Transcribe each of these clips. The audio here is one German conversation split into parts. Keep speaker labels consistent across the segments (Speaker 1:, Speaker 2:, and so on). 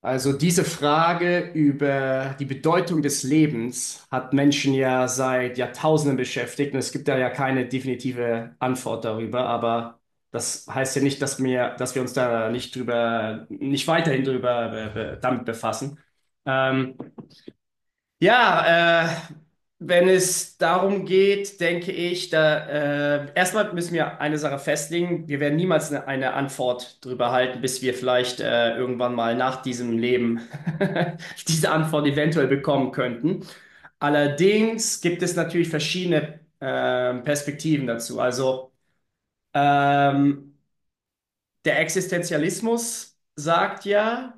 Speaker 1: Also diese Frage über die Bedeutung des Lebens hat Menschen ja seit Jahrtausenden beschäftigt und es gibt da ja keine definitive Antwort darüber, aber das heißt ja nicht, dass wir uns da nicht drüber, nicht weiterhin drüber damit befassen. Ähm, ja, wenn es darum geht, denke ich, da erstmal müssen wir eine Sache festlegen. Wir werden niemals eine Antwort drüber halten, bis wir vielleicht irgendwann mal nach diesem Leben diese Antwort eventuell bekommen könnten. Allerdings gibt es natürlich verschiedene Perspektiven dazu. Also ähm, der Existenzialismus sagt ja,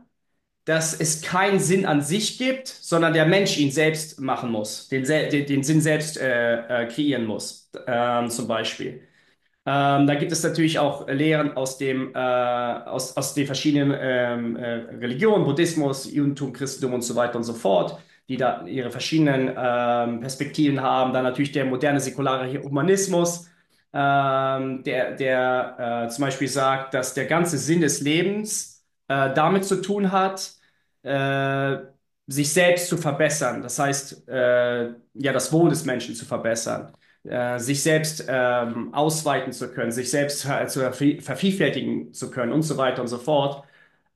Speaker 1: dass es keinen Sinn an sich gibt, sondern der Mensch ihn selbst machen muss, den Sinn selbst kreieren muss, zum Beispiel. Da gibt es natürlich auch Lehren aus aus den verschiedenen Religionen, Buddhismus, Judentum, Christentum und so weiter und so fort, die da ihre verschiedenen Perspektiven haben. Dann natürlich der moderne säkulare Humanismus, der zum Beispiel sagt, dass der ganze Sinn des Lebens damit zu tun hat, äh, sich selbst zu verbessern. Das heißt, ja, das Wohl des Menschen zu verbessern, sich selbst ausweiten zu können, sich selbst zu vervielfältigen zu können und so weiter und so fort.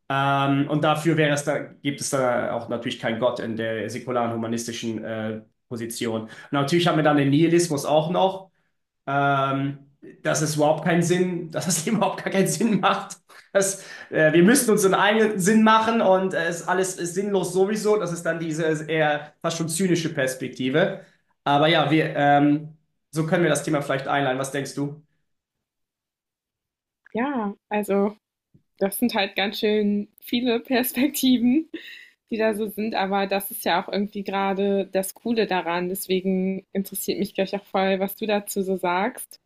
Speaker 1: Und dafür wäre es da, gibt es da auch natürlich keinen Gott in der säkularen humanistischen Position. Und natürlich haben wir dann den Nihilismus auch noch, ähm, dass es überhaupt keinen Sinn, dass es überhaupt gar keinen Sinn macht. Dass, wir müssten uns so einen eigenen Sinn machen und es alles ist sinnlos sowieso. Das ist dann diese eher fast schon zynische Perspektive. Aber ja, wir, so können wir das Thema vielleicht einleiten. Was denkst du?
Speaker 2: Ja, also das sind halt ganz schön viele Perspektiven, die da so sind, aber das ist ja auch irgendwie gerade das Coole daran. Deswegen interessiert mich gleich auch voll, was du dazu so sagst.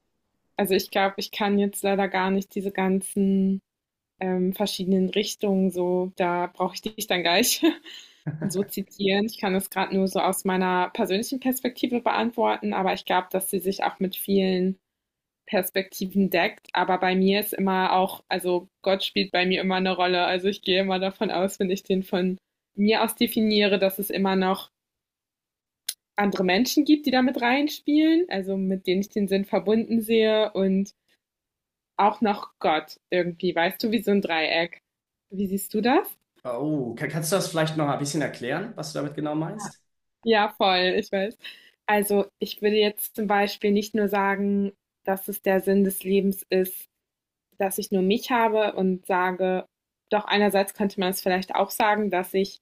Speaker 2: Also ich glaube, ich kann jetzt leider gar nicht diese ganzen verschiedenen Richtungen so, da brauche ich dich dann gleich so zitieren. Ich kann das gerade nur so aus meiner persönlichen Perspektive beantworten, aber ich glaube, dass sie sich auch mit vielen Perspektiven deckt. Aber bei mir ist immer auch, also Gott spielt bei mir immer eine Rolle. Also ich gehe immer davon aus, wenn ich den von mir aus definiere, dass es immer noch andere Menschen gibt, die damit reinspielen, also mit denen ich den Sinn verbunden sehe und auch noch Gott irgendwie, weißt du, wie so ein Dreieck. Wie siehst du das?
Speaker 1: Oh, kannst du das vielleicht noch ein bisschen erklären, was du damit genau meinst?
Speaker 2: Ja, voll, ich weiß. Also ich würde jetzt zum Beispiel nicht nur sagen, dass es der Sinn des Lebens ist, dass ich nur mich habe und sage, doch einerseits könnte man es vielleicht auch sagen, dass ich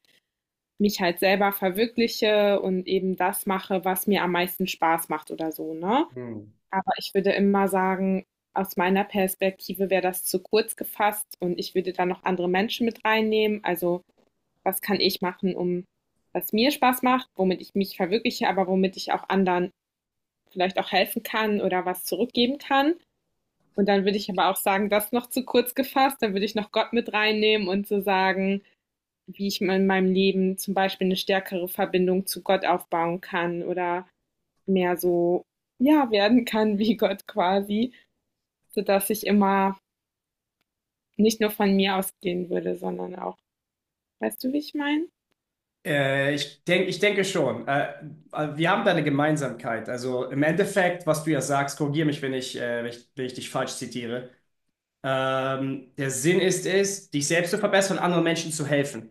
Speaker 2: mich halt selber verwirkliche und eben das mache, was mir am meisten Spaß macht oder so, ne?
Speaker 1: Hm.
Speaker 2: Aber ich würde immer sagen, aus meiner Perspektive wäre das zu kurz gefasst und ich würde da noch andere Menschen mit reinnehmen. Also was kann ich machen, um was mir Spaß macht, womit ich mich verwirkliche, aber womit ich auch anderen vielleicht auch helfen kann oder was zurückgeben kann. Und dann würde ich aber auch sagen, das noch zu kurz gefasst. Dann würde ich noch Gott mit reinnehmen und so sagen, wie ich in meinem Leben zum Beispiel eine stärkere Verbindung zu Gott aufbauen kann oder mehr so, ja, werden kann wie Gott quasi, sodass ich immer nicht nur von mir ausgehen würde, sondern auch, weißt du, wie ich meine?
Speaker 1: Ich denke schon. Wir haben da eine Gemeinsamkeit. Also im Endeffekt, was du ja sagst, korrigiere mich, wenn ich dich falsch zitiere. Der Sinn ist es, dich selbst zu verbessern und anderen Menschen zu helfen.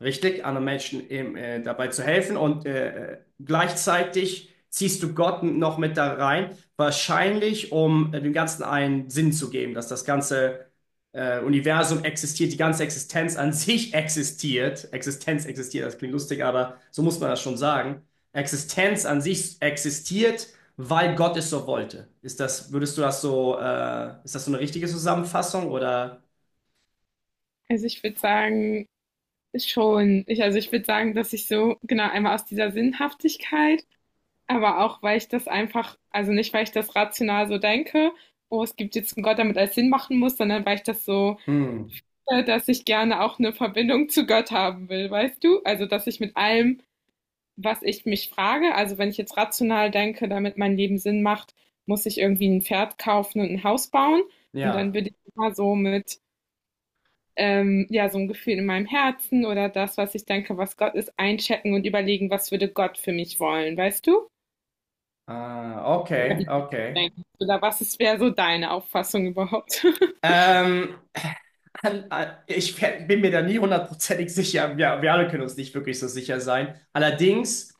Speaker 1: Richtig, anderen Menschen eben, dabei zu helfen und gleichzeitig ziehst du Gott noch mit da rein, wahrscheinlich um dem Ganzen einen Sinn zu geben, dass das ganze Universum existiert, die ganze Existenz an sich existiert. Existenz existiert, das klingt lustig, aber so muss man das schon sagen. Existenz an sich existiert, weil Gott es so wollte. Ist das, würdest du das so, ist das so eine richtige Zusammenfassung oder?
Speaker 2: Also ich würde sagen, schon, ich, also ich würde sagen, dass ich so, genau, einmal aus dieser Sinnhaftigkeit. Aber auch, weil ich das einfach, also nicht, weil ich das rational so denke, oh, es gibt jetzt einen Gott, damit alles Sinn machen muss, sondern weil ich das so,
Speaker 1: Hm,
Speaker 2: dass ich gerne auch eine Verbindung zu Gott haben will, weißt du? Also, dass ich mit allem, was ich mich frage, also wenn ich jetzt rational denke, damit mein Leben Sinn macht, muss ich irgendwie ein Pferd kaufen und ein Haus bauen. Und dann
Speaker 1: ja.
Speaker 2: bin ich immer so mit, ja, so ein Gefühl in meinem Herzen oder das, was ich denke, was Gott ist, einchecken und überlegen, was würde Gott für mich wollen, weißt du?
Speaker 1: Ah,
Speaker 2: Oder
Speaker 1: okay, okay.
Speaker 2: denken. Oder was ist, wäre so deine Auffassung überhaupt?
Speaker 1: Ähm, bin mir da nie hundertprozentig sicher. Ja, wir alle können uns nicht wirklich so sicher sein. Allerdings.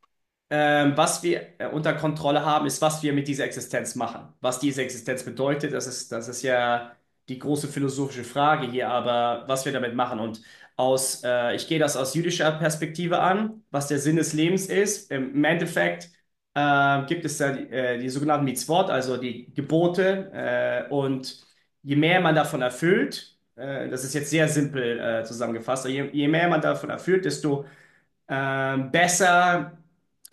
Speaker 1: Was wir unter Kontrolle haben, ist, was wir mit dieser Existenz machen. Was diese Existenz bedeutet, das ist ja die große philosophische Frage hier, aber was wir damit machen. Und ich gehe das aus jüdischer Perspektive an, was der Sinn des Lebens ist. Im Endeffekt gibt es da die sogenannten Mitzvot, also die Gebote. Und je mehr man davon erfüllt, das ist jetzt sehr simpel zusammengefasst, aber je mehr man davon erfüllt, desto besser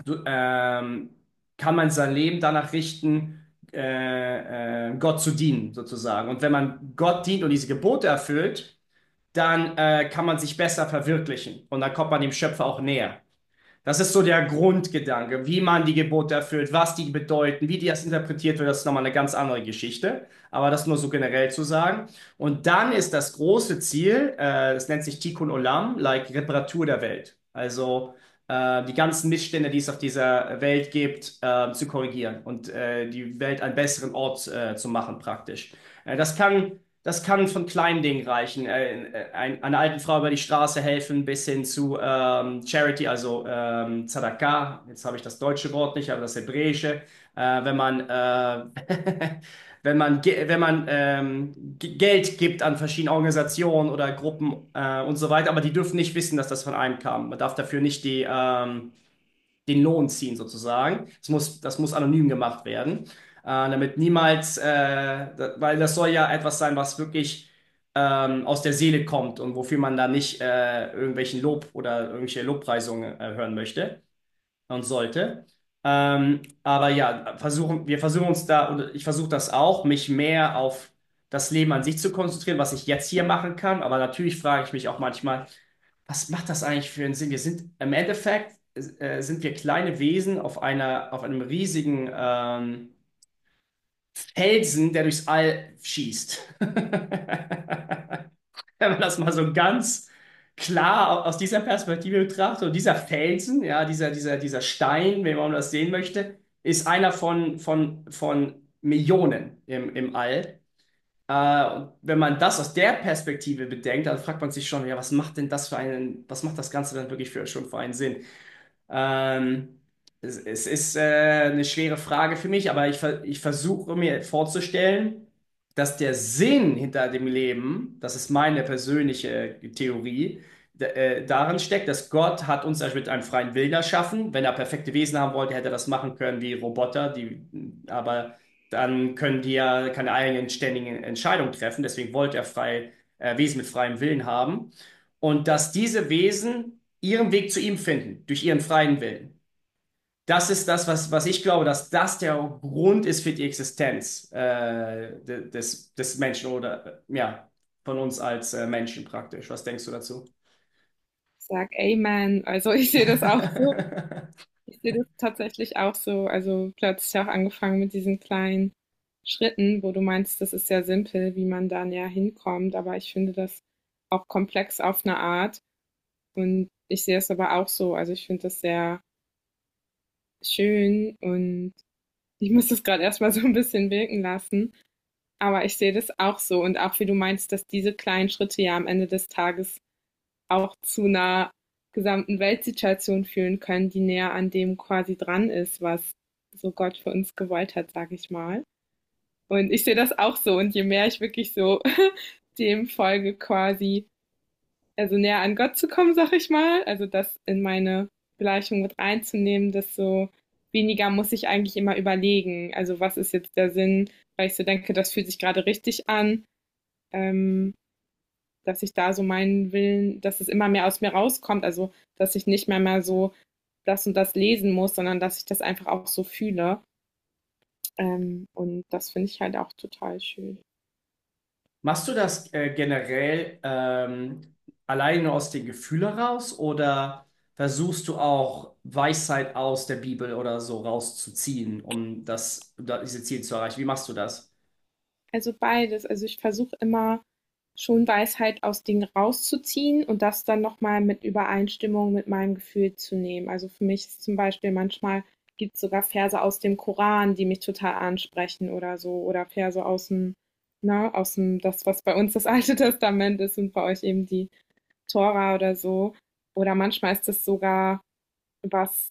Speaker 1: du, kann man sein Leben danach richten, Gott zu dienen, sozusagen. Und wenn man Gott dient und diese Gebote erfüllt, dann kann man sich besser verwirklichen und dann kommt man dem Schöpfer auch näher. Das ist so der Grundgedanke, wie man die Gebote erfüllt, was die bedeuten, wie die das interpretiert wird, das ist nochmal eine ganz andere Geschichte. Aber das nur so generell zu sagen. Und dann ist das große Ziel, das nennt sich Tikkun Olam, like Reparatur der Welt. Also die ganzen Missstände, die es auf dieser Welt gibt, zu korrigieren und die Welt einen besseren Ort zu machen praktisch. Äh, das kann das kann von kleinen Dingen reichen. Einer alten Frau über die Straße helfen, bis hin zu Charity, also Tzedakah. Jetzt habe ich das deutsche Wort nicht, aber das hebräische. Wenn man, wenn man Geld gibt an verschiedene Organisationen oder Gruppen und so weiter, aber die dürfen nicht wissen, dass das von einem kam. Man darf dafür nicht die, den Lohn ziehen sozusagen. Das muss anonym gemacht werden, damit niemals, weil das soll ja etwas sein, was wirklich aus der Seele kommt und wofür man da nicht irgendwelchen Lob oder irgendwelche Lobpreisungen hören möchte und sollte. Aber ja, wir versuchen uns da, und ich versuche das auch, mich mehr auf das Leben an sich zu konzentrieren, was ich jetzt hier machen kann. Aber natürlich frage ich mich auch manchmal, was macht das eigentlich für einen Sinn? Wir sind im Endeffekt sind wir kleine Wesen auf einem riesigen Felsen, der durchs All schießt. wenn man das mal so ganz klar aus dieser Perspektive betrachtet. Und dieser Felsen, ja, dieser Stein, wenn man das sehen möchte, ist einer von Millionen im All. Und wenn man das aus der Perspektive bedenkt, dann fragt man sich schon, ja, was macht das Ganze dann wirklich für schon für einen Sinn? Ähm, es ist eine schwere Frage für mich, aber ich versuche mir vorzustellen, dass der Sinn hinter dem Leben, das ist meine persönliche Theorie, darin steckt, dass Gott hat uns ja mit einem freien Willen erschaffen. Wenn er perfekte Wesen haben wollte, hätte er das machen können wie Roboter, die, aber dann können die ja keine eigenen ständigen Entscheidungen treffen. Deswegen wollte er Wesen mit freiem Willen haben. Und dass diese Wesen ihren Weg zu ihm finden, durch ihren freien Willen. Das ist das, was ich glaube, dass das der Grund ist für die Existenz des Menschen oder ja, von uns als Menschen praktisch. Was denkst du dazu?
Speaker 2: Ich sag Amen. Also ich sehe das auch so. Ich sehe das tatsächlich auch so. Also du hast ja auch angefangen mit diesen kleinen Schritten, wo du meinst, das ist ja simpel, wie man dann ja hinkommt. Aber ich finde das auch komplex auf eine Art. Und ich sehe es aber auch so. Also ich finde das sehr schön und ich muss das gerade erstmal so ein bisschen wirken lassen. Aber ich sehe das auch so. Und auch wie du meinst, dass diese kleinen Schritte ja am Ende des Tages auch zu 'ner gesamten Weltsituation fühlen können, die näher an dem quasi dran ist, was so Gott für uns gewollt hat, sage ich mal. Und ich sehe das auch so und je mehr ich wirklich so dem folge quasi, also näher an Gott zu kommen, sage ich mal, also das in meine Gleichung mit reinzunehmen, desto weniger muss ich eigentlich immer überlegen. Also, was ist jetzt der Sinn, weil ich so denke, das fühlt sich gerade richtig an, ähm dass ich da so meinen Willen, dass es immer mehr aus mir rauskommt, also dass ich nicht mehr mal so das und das lesen muss, sondern dass ich das einfach auch so fühle. Und das finde ich halt auch total schön.
Speaker 1: Machst du das generell allein nur aus den Gefühlen raus oder versuchst du auch Weisheit aus der Bibel oder so rauszuziehen, um das, diese Ziele zu erreichen? Wie machst du das?
Speaker 2: Also beides. Also ich versuche immer schon Weisheit aus Dingen rauszuziehen und das dann nochmal mit Übereinstimmung mit meinem Gefühl zu nehmen. Also für mich ist zum Beispiel manchmal gibt es sogar Verse aus dem Koran, die mich total ansprechen oder so, oder Verse aus dem, ne, aus dem, das, was bei uns das Alte Testament ist und bei euch eben die Tora oder so. Oder manchmal ist es sogar was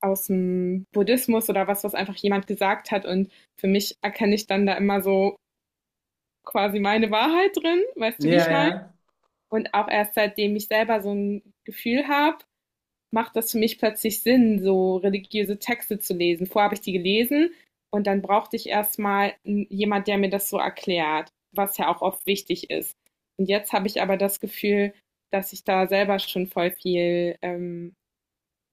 Speaker 2: aus dem Buddhismus oder was, was einfach jemand gesagt hat. Und für mich erkenne ich dann da immer so quasi meine Wahrheit drin, weißt du, wie
Speaker 1: Ja,
Speaker 2: ich meine?
Speaker 1: ja.
Speaker 2: Und auch erst seitdem ich selber so ein Gefühl habe, macht das für mich plötzlich Sinn, so religiöse Texte zu lesen. Vorher habe ich die gelesen und dann brauchte ich erstmal jemand, der mir das so erklärt, was ja auch oft wichtig ist. Und jetzt habe ich aber das Gefühl, dass ich da selber schon voll viel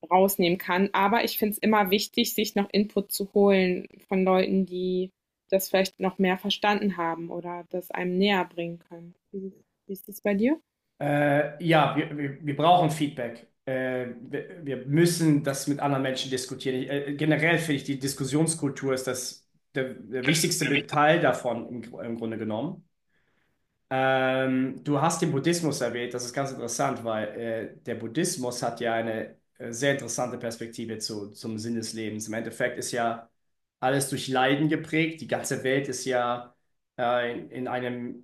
Speaker 2: rausnehmen kann. Aber ich finde es immer wichtig, sich noch Input zu holen von Leuten, die das vielleicht noch mehr verstanden haben oder das einem näher bringen können. Wie, wie ist es bei dir?
Speaker 1: Ja, wir brauchen Feedback. Wir müssen das mit anderen Menschen diskutieren. Generell finde ich, die Diskussionskultur ist das, der wichtigste Teil davon im Grunde genommen. Du hast den Buddhismus erwähnt, das ist ganz interessant, weil der Buddhismus hat ja eine sehr interessante Perspektive zum Sinn des Lebens. Im Endeffekt ist ja alles durch Leiden geprägt, die ganze Welt ist ja in einem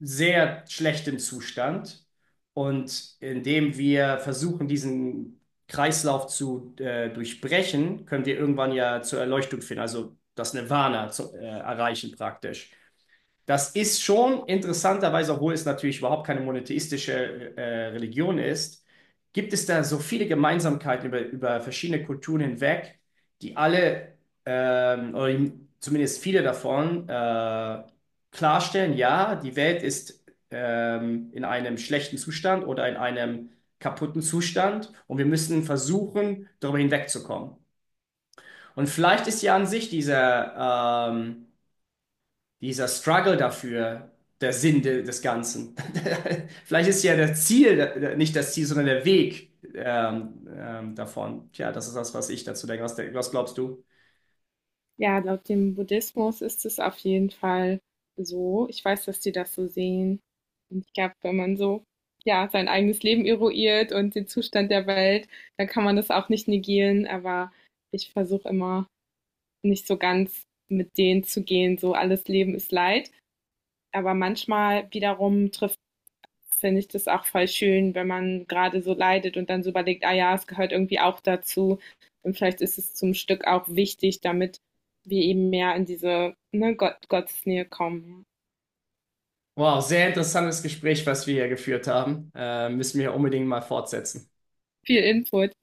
Speaker 1: sehr schlechten Zustand und indem wir versuchen, diesen Kreislauf zu durchbrechen, können wir irgendwann ja zur Erleuchtung finden, also das Nirvana zu, erreichen praktisch. Das ist schon interessanterweise, obwohl es natürlich überhaupt keine monotheistische Religion ist, gibt es da so viele Gemeinsamkeiten über verschiedene Kulturen hinweg, die alle, oder zumindest viele davon, klarstellen, ja, die Welt ist in einem schlechten Zustand oder in einem kaputten Zustand und wir müssen versuchen, darüber hinwegzukommen. Und vielleicht ist ja an sich dieser... dieser Struggle dafür der Sinn des Ganzen. Vielleicht ist ja das Ziel, nicht das Ziel, sondern der Weg davon. Tja, das ist das, was ich dazu denke. Was glaubst du?
Speaker 2: Ja, laut dem Buddhismus ist es auf jeden Fall so. Ich weiß, dass die das so sehen. Und ich glaube, wenn man so ja, sein eigenes Leben eruiert und den Zustand der Welt, dann kann man das auch nicht negieren. Aber ich versuche immer nicht so ganz mit denen zu gehen, so alles Leben ist Leid. Aber manchmal wiederum trifft, finde ich, das auch voll schön, wenn man gerade so leidet und dann so überlegt, ah ja, es gehört irgendwie auch dazu. Und vielleicht ist es zum Stück auch wichtig, damit wir eben mehr in diese, ne, Gott, Gottesnähe kommen.
Speaker 1: Wow, sehr interessantes Gespräch, was wir hier geführt haben. Müssen wir unbedingt mal fortsetzen.
Speaker 2: Viel Input.